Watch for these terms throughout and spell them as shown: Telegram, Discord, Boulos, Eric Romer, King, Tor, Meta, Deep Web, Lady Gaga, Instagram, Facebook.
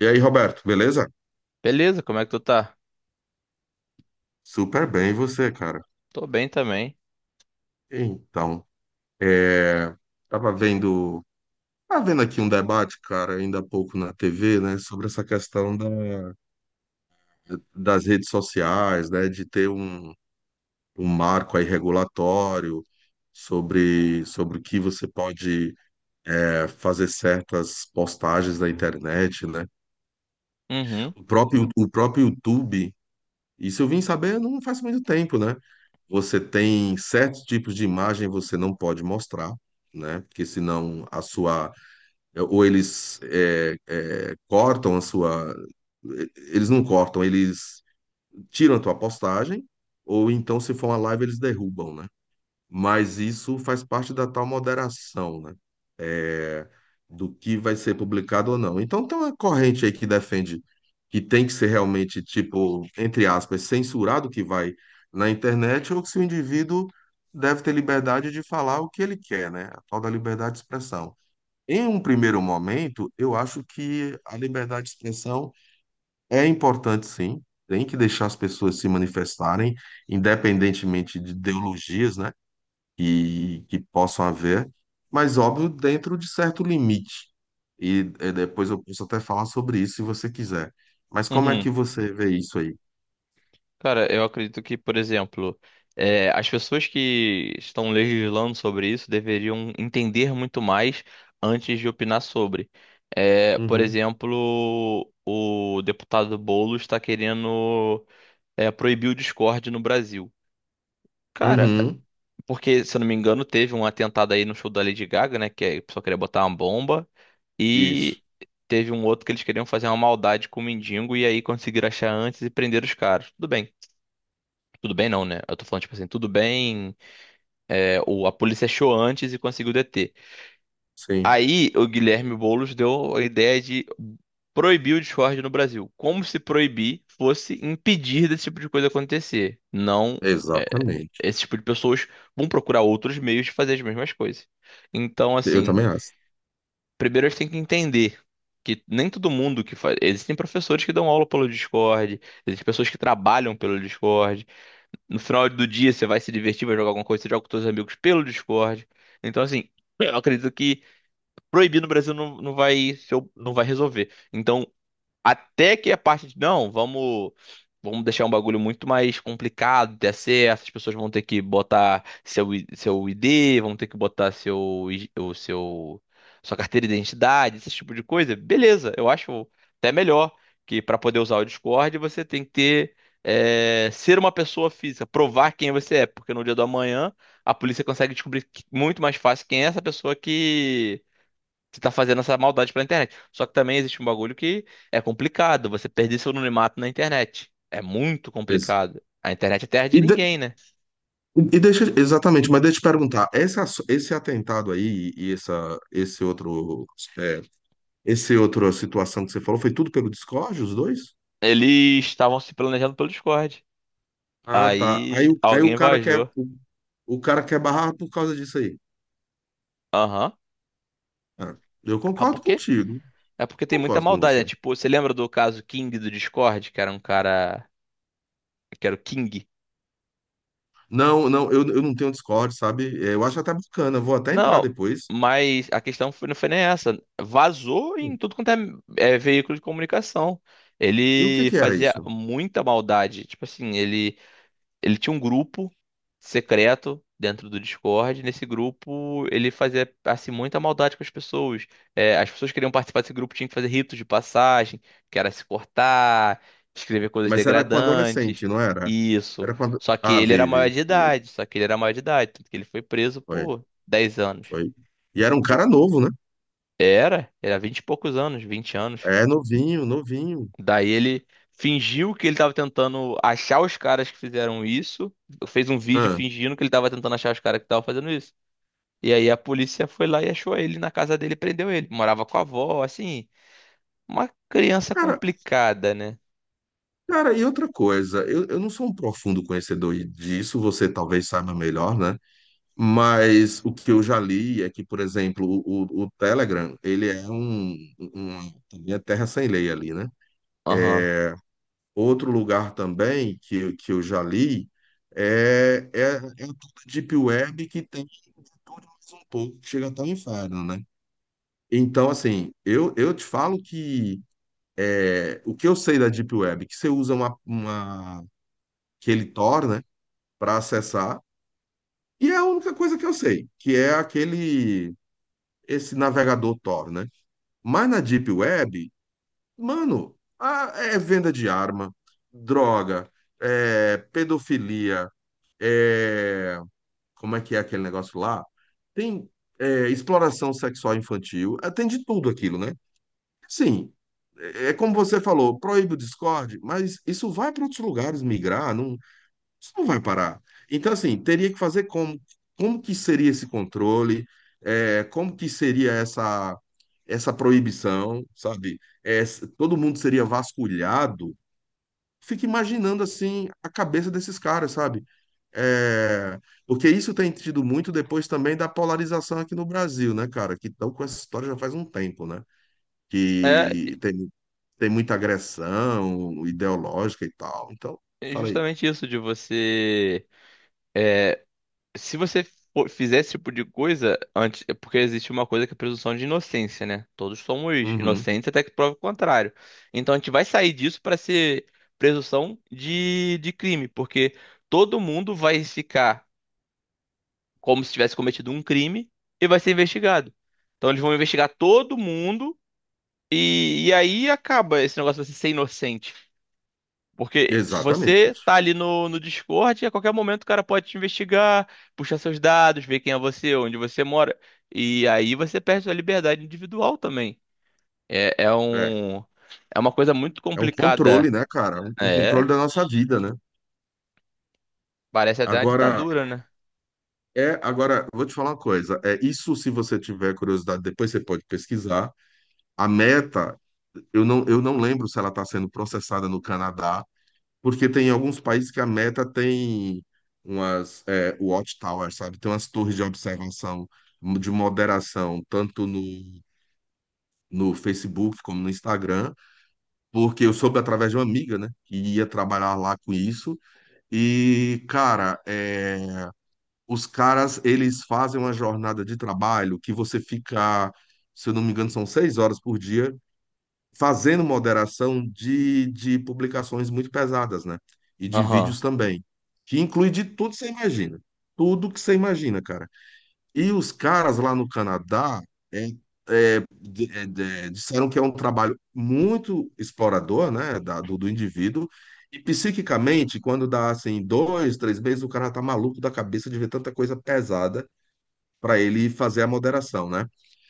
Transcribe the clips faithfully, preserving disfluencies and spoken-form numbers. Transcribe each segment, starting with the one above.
E aí, Roberto, beleza? Beleza, como é que tu tá? Super bem, e você, cara? Tô bem também. Então, é, tava vendo, tava vendo aqui um debate, cara, ainda há pouco na T V, né, sobre essa questão da, das redes sociais, né, de ter um, um marco aí regulatório sobre, sobre o que você pode é, fazer certas postagens na internet, né? Uhum, O próprio, o próprio YouTube. Isso eu vim saber não faz muito tempo, né? Você tem certos tipos de imagem que você não pode mostrar, né? Porque senão a sua. Ou eles é, é, cortam a sua. Eles não cortam, eles tiram a tua postagem, ou então, se for uma live, eles derrubam, né? Mas isso faz parte da tal moderação, né? É, do que vai ser publicado ou não. Então tem uma corrente aí que defende que tem que ser realmente, tipo, entre aspas, censurado o que vai na internet, ou que se o indivíduo deve ter liberdade de falar o que ele quer, né? A tal da liberdade de expressão. Em um primeiro momento, eu acho que a liberdade de expressão é importante, sim. Tem que deixar as pessoas se manifestarem, independentemente de ideologias, né? que, que possam haver, mas óbvio, dentro de certo limite. E, eh, depois eu posso até falar sobre isso se você quiser. Mas como é uhum. que você vê isso aí? Cara, eu acredito que, por exemplo, é, as pessoas que estão legislando sobre isso deveriam entender muito mais antes de opinar sobre. É, por Uhum. exemplo, o deputado Boulos está querendo, é, proibir o Discord no Brasil. Cara, Uhum. porque, se eu não me engano, teve um atentado aí no show da Lady Gaga, né? Que a pessoa queria botar uma bomba. E Isso. teve um outro que eles queriam fazer uma maldade com o mendigo. E aí conseguiram achar antes e prender os caras. Tudo bem. Tudo bem, não, né? Eu tô falando, tipo assim, tudo bem. É, o, a polícia achou antes e conseguiu deter. Sim. Aí o Guilherme Boulos deu a ideia de proibir o Discord no Brasil. Como se proibir fosse impedir desse tipo de coisa acontecer. Não, é, Exatamente. esse tipo de pessoas vão procurar outros meios de fazer as mesmas coisas. Então, Eu assim, também acho. primeiro a gente tem que entender que nem todo mundo que faz. Existem professores que dão aula pelo Discord, existem pessoas que trabalham pelo Discord. No final do dia você vai se divertir, vai jogar alguma coisa, você joga com seus amigos pelo Discord. Então, assim, eu acredito que proibir no Brasil não, não vai ser o- não vai resolver. Então, até que a parte de não, vamos vamos deixar um bagulho muito mais complicado de acesso, as pessoas vão ter que botar seu I- seu I D, vão ter que botar seu I- o seu sua carteira de identidade, esse tipo de coisa. Beleza, eu acho até melhor que para poder usar o Discord você tem que ter é, ser uma pessoa física, provar quem você é, porque no dia do amanhã a polícia consegue descobrir que- muito mais fácil quem é essa pessoa que você tá fazendo essa maldade pela internet. Só que também existe um bagulho que é complicado. Você perder seu anonimato na internet. É muito Isso. complicado. A internet é terra de E, de- ninguém, né? e deixa, exatamente, mas deixa eu te perguntar, esse, ass- esse atentado aí e essa, esse outro, é, esse outra situação que você falou, foi tudo pelo Discord, os dois? Eles estavam se planejando pelo Discord. Ah, tá. Aí Aí, o- aí o alguém cara quer, vazou. o, o cara quer barrar por causa disso aí. Aham. É, eu Ah, concordo por quê? contigo. É porque tem muita Concordo com maldade, né? você. Tipo, você lembra do caso King do Discord, que era um cara. Que era o King. Não, não, eu, eu não tenho Discord, sabe? É, eu acho até bacana, vou até entrar Não, depois. mas a questão foi- não foi nem essa. Vazou em tudo quanto é, é veículo de comunicação. E o que Ele que era fazia isso? muita maldade. Tipo assim, ele, ele tinha um grupo secreto dentro do Discord. Nesse grupo, ele fazia assim muita maldade com as pessoas. É, as pessoas que queriam participar desse grupo, tinham que fazer ritos de passagem, que era se cortar, escrever coisas Mas era com degradantes. adolescente, não era? Isso. Era quando. Só que Ah, ele era veio, maior veio, de veio. idade. Só que ele era maior de idade, tanto que ele foi preso Foi, por dez anos. foi. E era um cara novo, né? Era, era vinte e poucos anos, vinte anos. É, novinho, novinho. Daí ele fingiu que ele tava tentando achar os caras que fizeram isso, fez um vídeo Ah, fingindo que ele tava tentando achar os caras que estavam fazendo isso. E aí a polícia foi lá e achou ele na casa dele e prendeu ele. Morava com a avó, assim, uma criança cara, complicada, né? cara, e outra coisa, eu, eu não sou um profundo conhecedor disso, você talvez saiba melhor, né? Mas o que eu já li é que, por exemplo, o, o- o Telegram, ele é um, um, também é terra sem lei ali, né? Aham. Outro lugar também que, eu- que eu já li é, é, é tudo Deep Web que tem tudo mais um pouco, que chega até o inferno, né? Então, assim, eu, eu te falo que é, o que eu sei da Deep Web, que você usa uma, uma que ele, né, para acessar, e é a única coisa que eu sei, que é aquele, esse navegador Tor, né? Mas na Deep Web, mano, a- é venda de arma, droga, é pedofilia, é, como é que é aquele negócio lá? Tem é, exploração sexual infantil, é, tem de tudo aquilo, né? Sim, é é como você falou, proíbe o Discord, mas isso vai para outros lugares migrar, não, isso não vai parar. Então, assim, teria que fazer como? Como que seria esse controle? É, como que seria essa, essa proibição, sabe? É, s- todo mundo seria vasculhado. Fico imaginando, assim, a cabeça desses caras, sabe? É, porque isso tem tido muito depois também da polarização aqui no Brasil, né, cara? Que estão com essa história já faz um tempo, né? Que tem, tem muita agressão ideológica e tal. Então, É falei. justamente isso de você. Se você fo- fizer esse tipo de coisa antes, é porque existe uma coisa que é a presunção de inocência, né? Todos somos inocentes até que prove o contrário. Então a gente vai sair disso para ser presunção de, de crime, porque todo mundo vai ficar como se tivesse cometido um crime e vai ser investigado. Então eles vão investigar todo mundo e, e aí acaba esse negócio de você ser inocente. Porque você Exatamente. tá ali no, no Discord e a qualquer momento o cara pode te investigar, puxar seus dados, ver quem é você, onde você mora. E aí você perde sua liberdade individual também. É, é É, um, é uma coisa muito é um complicada. controle, né, cara? Um, um É, controle da nossa vida, né? parece até uma Agora, ditadura, né? é, agora, vou te falar uma coisa. É isso, se você tiver curiosidade, depois você pode pesquisar. A Meta, eu não, eu não lembro se ela está sendo processada no Canadá, porque tem alguns países que a Meta tem umas, é, watchtowers, sabe? Tem umas torres de observação, de moderação, tanto no, no Facebook como no Instagram, porque eu soube através de uma amiga, né, que ia trabalhar lá com isso. E, cara, é, os caras, eles fazem uma jornada de trabalho que você fica, se eu não me engano, são seis horas por dia, fazendo moderação de, de publicações muito pesadas, né? E de Aham, vídeos também. Que inclui de tudo que você imagina. Tudo que você imagina, cara. E os caras lá no Canadá é, é, de- é, de- disseram que é um trabalho muito explorador, né, da- do, do indivíduo. E psiquicamente, quando dá assim dois, três meses, o cara tá maluco da cabeça de ver tanta coisa pesada para ele fazer a moderação, né?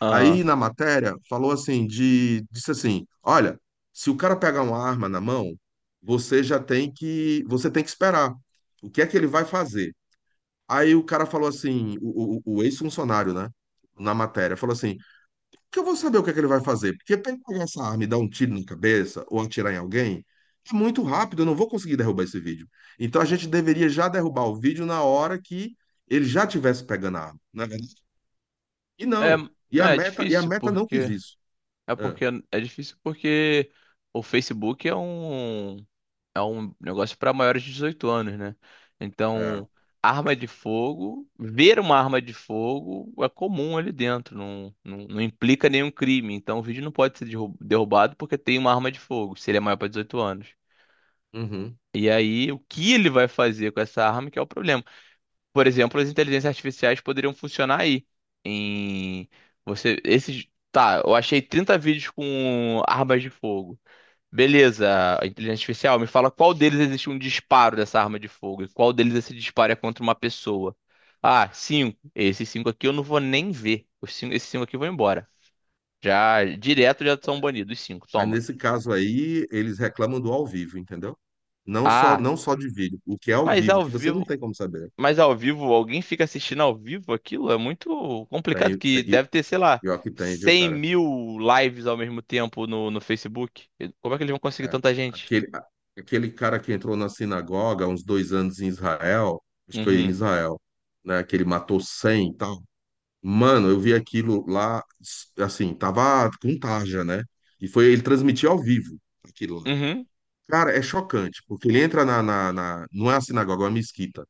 aham. Aí na matéria falou assim de disse assim, olha, se o cara pegar uma arma na mão, você já tem que você tem que esperar. O que é que ele vai fazer? Aí o cara falou assim, o, o- o ex-funcionário, né? Na matéria, falou assim: que eu vou saber o que é que ele vai fazer, porque pra ele pegar essa arma e dar um tiro na cabeça ou atirar em alguém, é muito rápido, eu não vou conseguir derrubar esse vídeo. Então a gente deveria já derrubar o vídeo na hora que ele já tivesse pegando a arma, não é verdade? E É, não. E a é meta, e a difícil meta não quis porque. isso. É É, porque é difícil porque o Facebook é um, é um negócio para maiores de dezoito anos, né? é, Então, arma de fogo, ver uma arma de fogo é comum ali dentro, não, não, não implica nenhum crime. Então, o vídeo não pode ser derru- derrubado porque tem uma arma de fogo, se ele é maior para dezoito anos. uhum. E aí, o que ele vai fazer com essa arma que é o problema. Por exemplo, as inteligências artificiais poderiam funcionar aí. Em você, esses, tá, eu achei trinta vídeos com armas de fogo. Beleza, a inteligência artificial, me fala qual deles existe um disparo dessa arma de fogo e qual deles esse disparo é contra uma pessoa. Ah, cinco. Esses cinco aqui eu não vou nem ver. Os cinco, esses cinco aqui vão embora. Já direto já são banidos. Os cinco, Mas toma. nesse caso aí, eles reclamam do ao vivo, entendeu? Não só, Ah, não só de vídeo, o que é ao mas vivo, ao que você não vivo, tem como saber. mas ao vivo, alguém fica assistindo ao vivo aquilo? É muito complicado, Tem, que deve ter, sei lá, pior que tem, viu, cem cara? mil lives ao mesmo tempo no, no Facebook. Como é que eles vão conseguir É. tanta gente? Aquele, a- aquele cara que entrou na sinagoga há uns dois anos em Israel, acho que foi em Uhum. Israel, né? Que ele matou cem e tal. Mano, eu vi aquilo lá, assim, tava com tarja, né? E foi ele transmitir ao vivo aquilo lá. Uhum. Cara, é chocante, porque ele entra na, na, na- não é a sinagoga, é uma mesquita.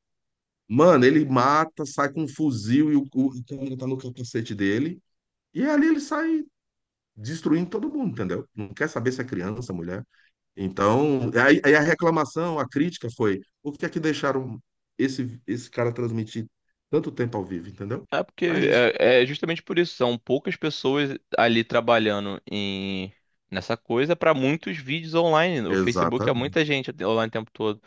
Mano, ele mata, sai com um fuzil e o, o a câmera tá no capacete dele. E ali ele sai destruindo todo mundo, entendeu? Não quer saber se é criança, mulher. Então, aí, aí a reclamação, a crítica foi: por que é que deixaram esse, esse cara transmitir tanto tempo ao vivo, entendeu? É porque É isso. é, é justamente por isso, são poucas pessoas ali trabalhando em nessa coisa para muitos vídeos online. O Facebook é Exatamente, muita gente online o tempo todo.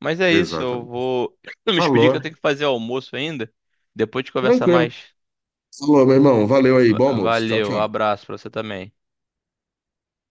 Mas é isso, eu exatamente. vou me expedir que Falou. eu tenho que fazer almoço ainda. Depois de conversar Tranquilo. mais. Falou, meu irmão. Valeu aí. Va- Bom almoço. Tchau, Valeu, tchau. abraço para você também.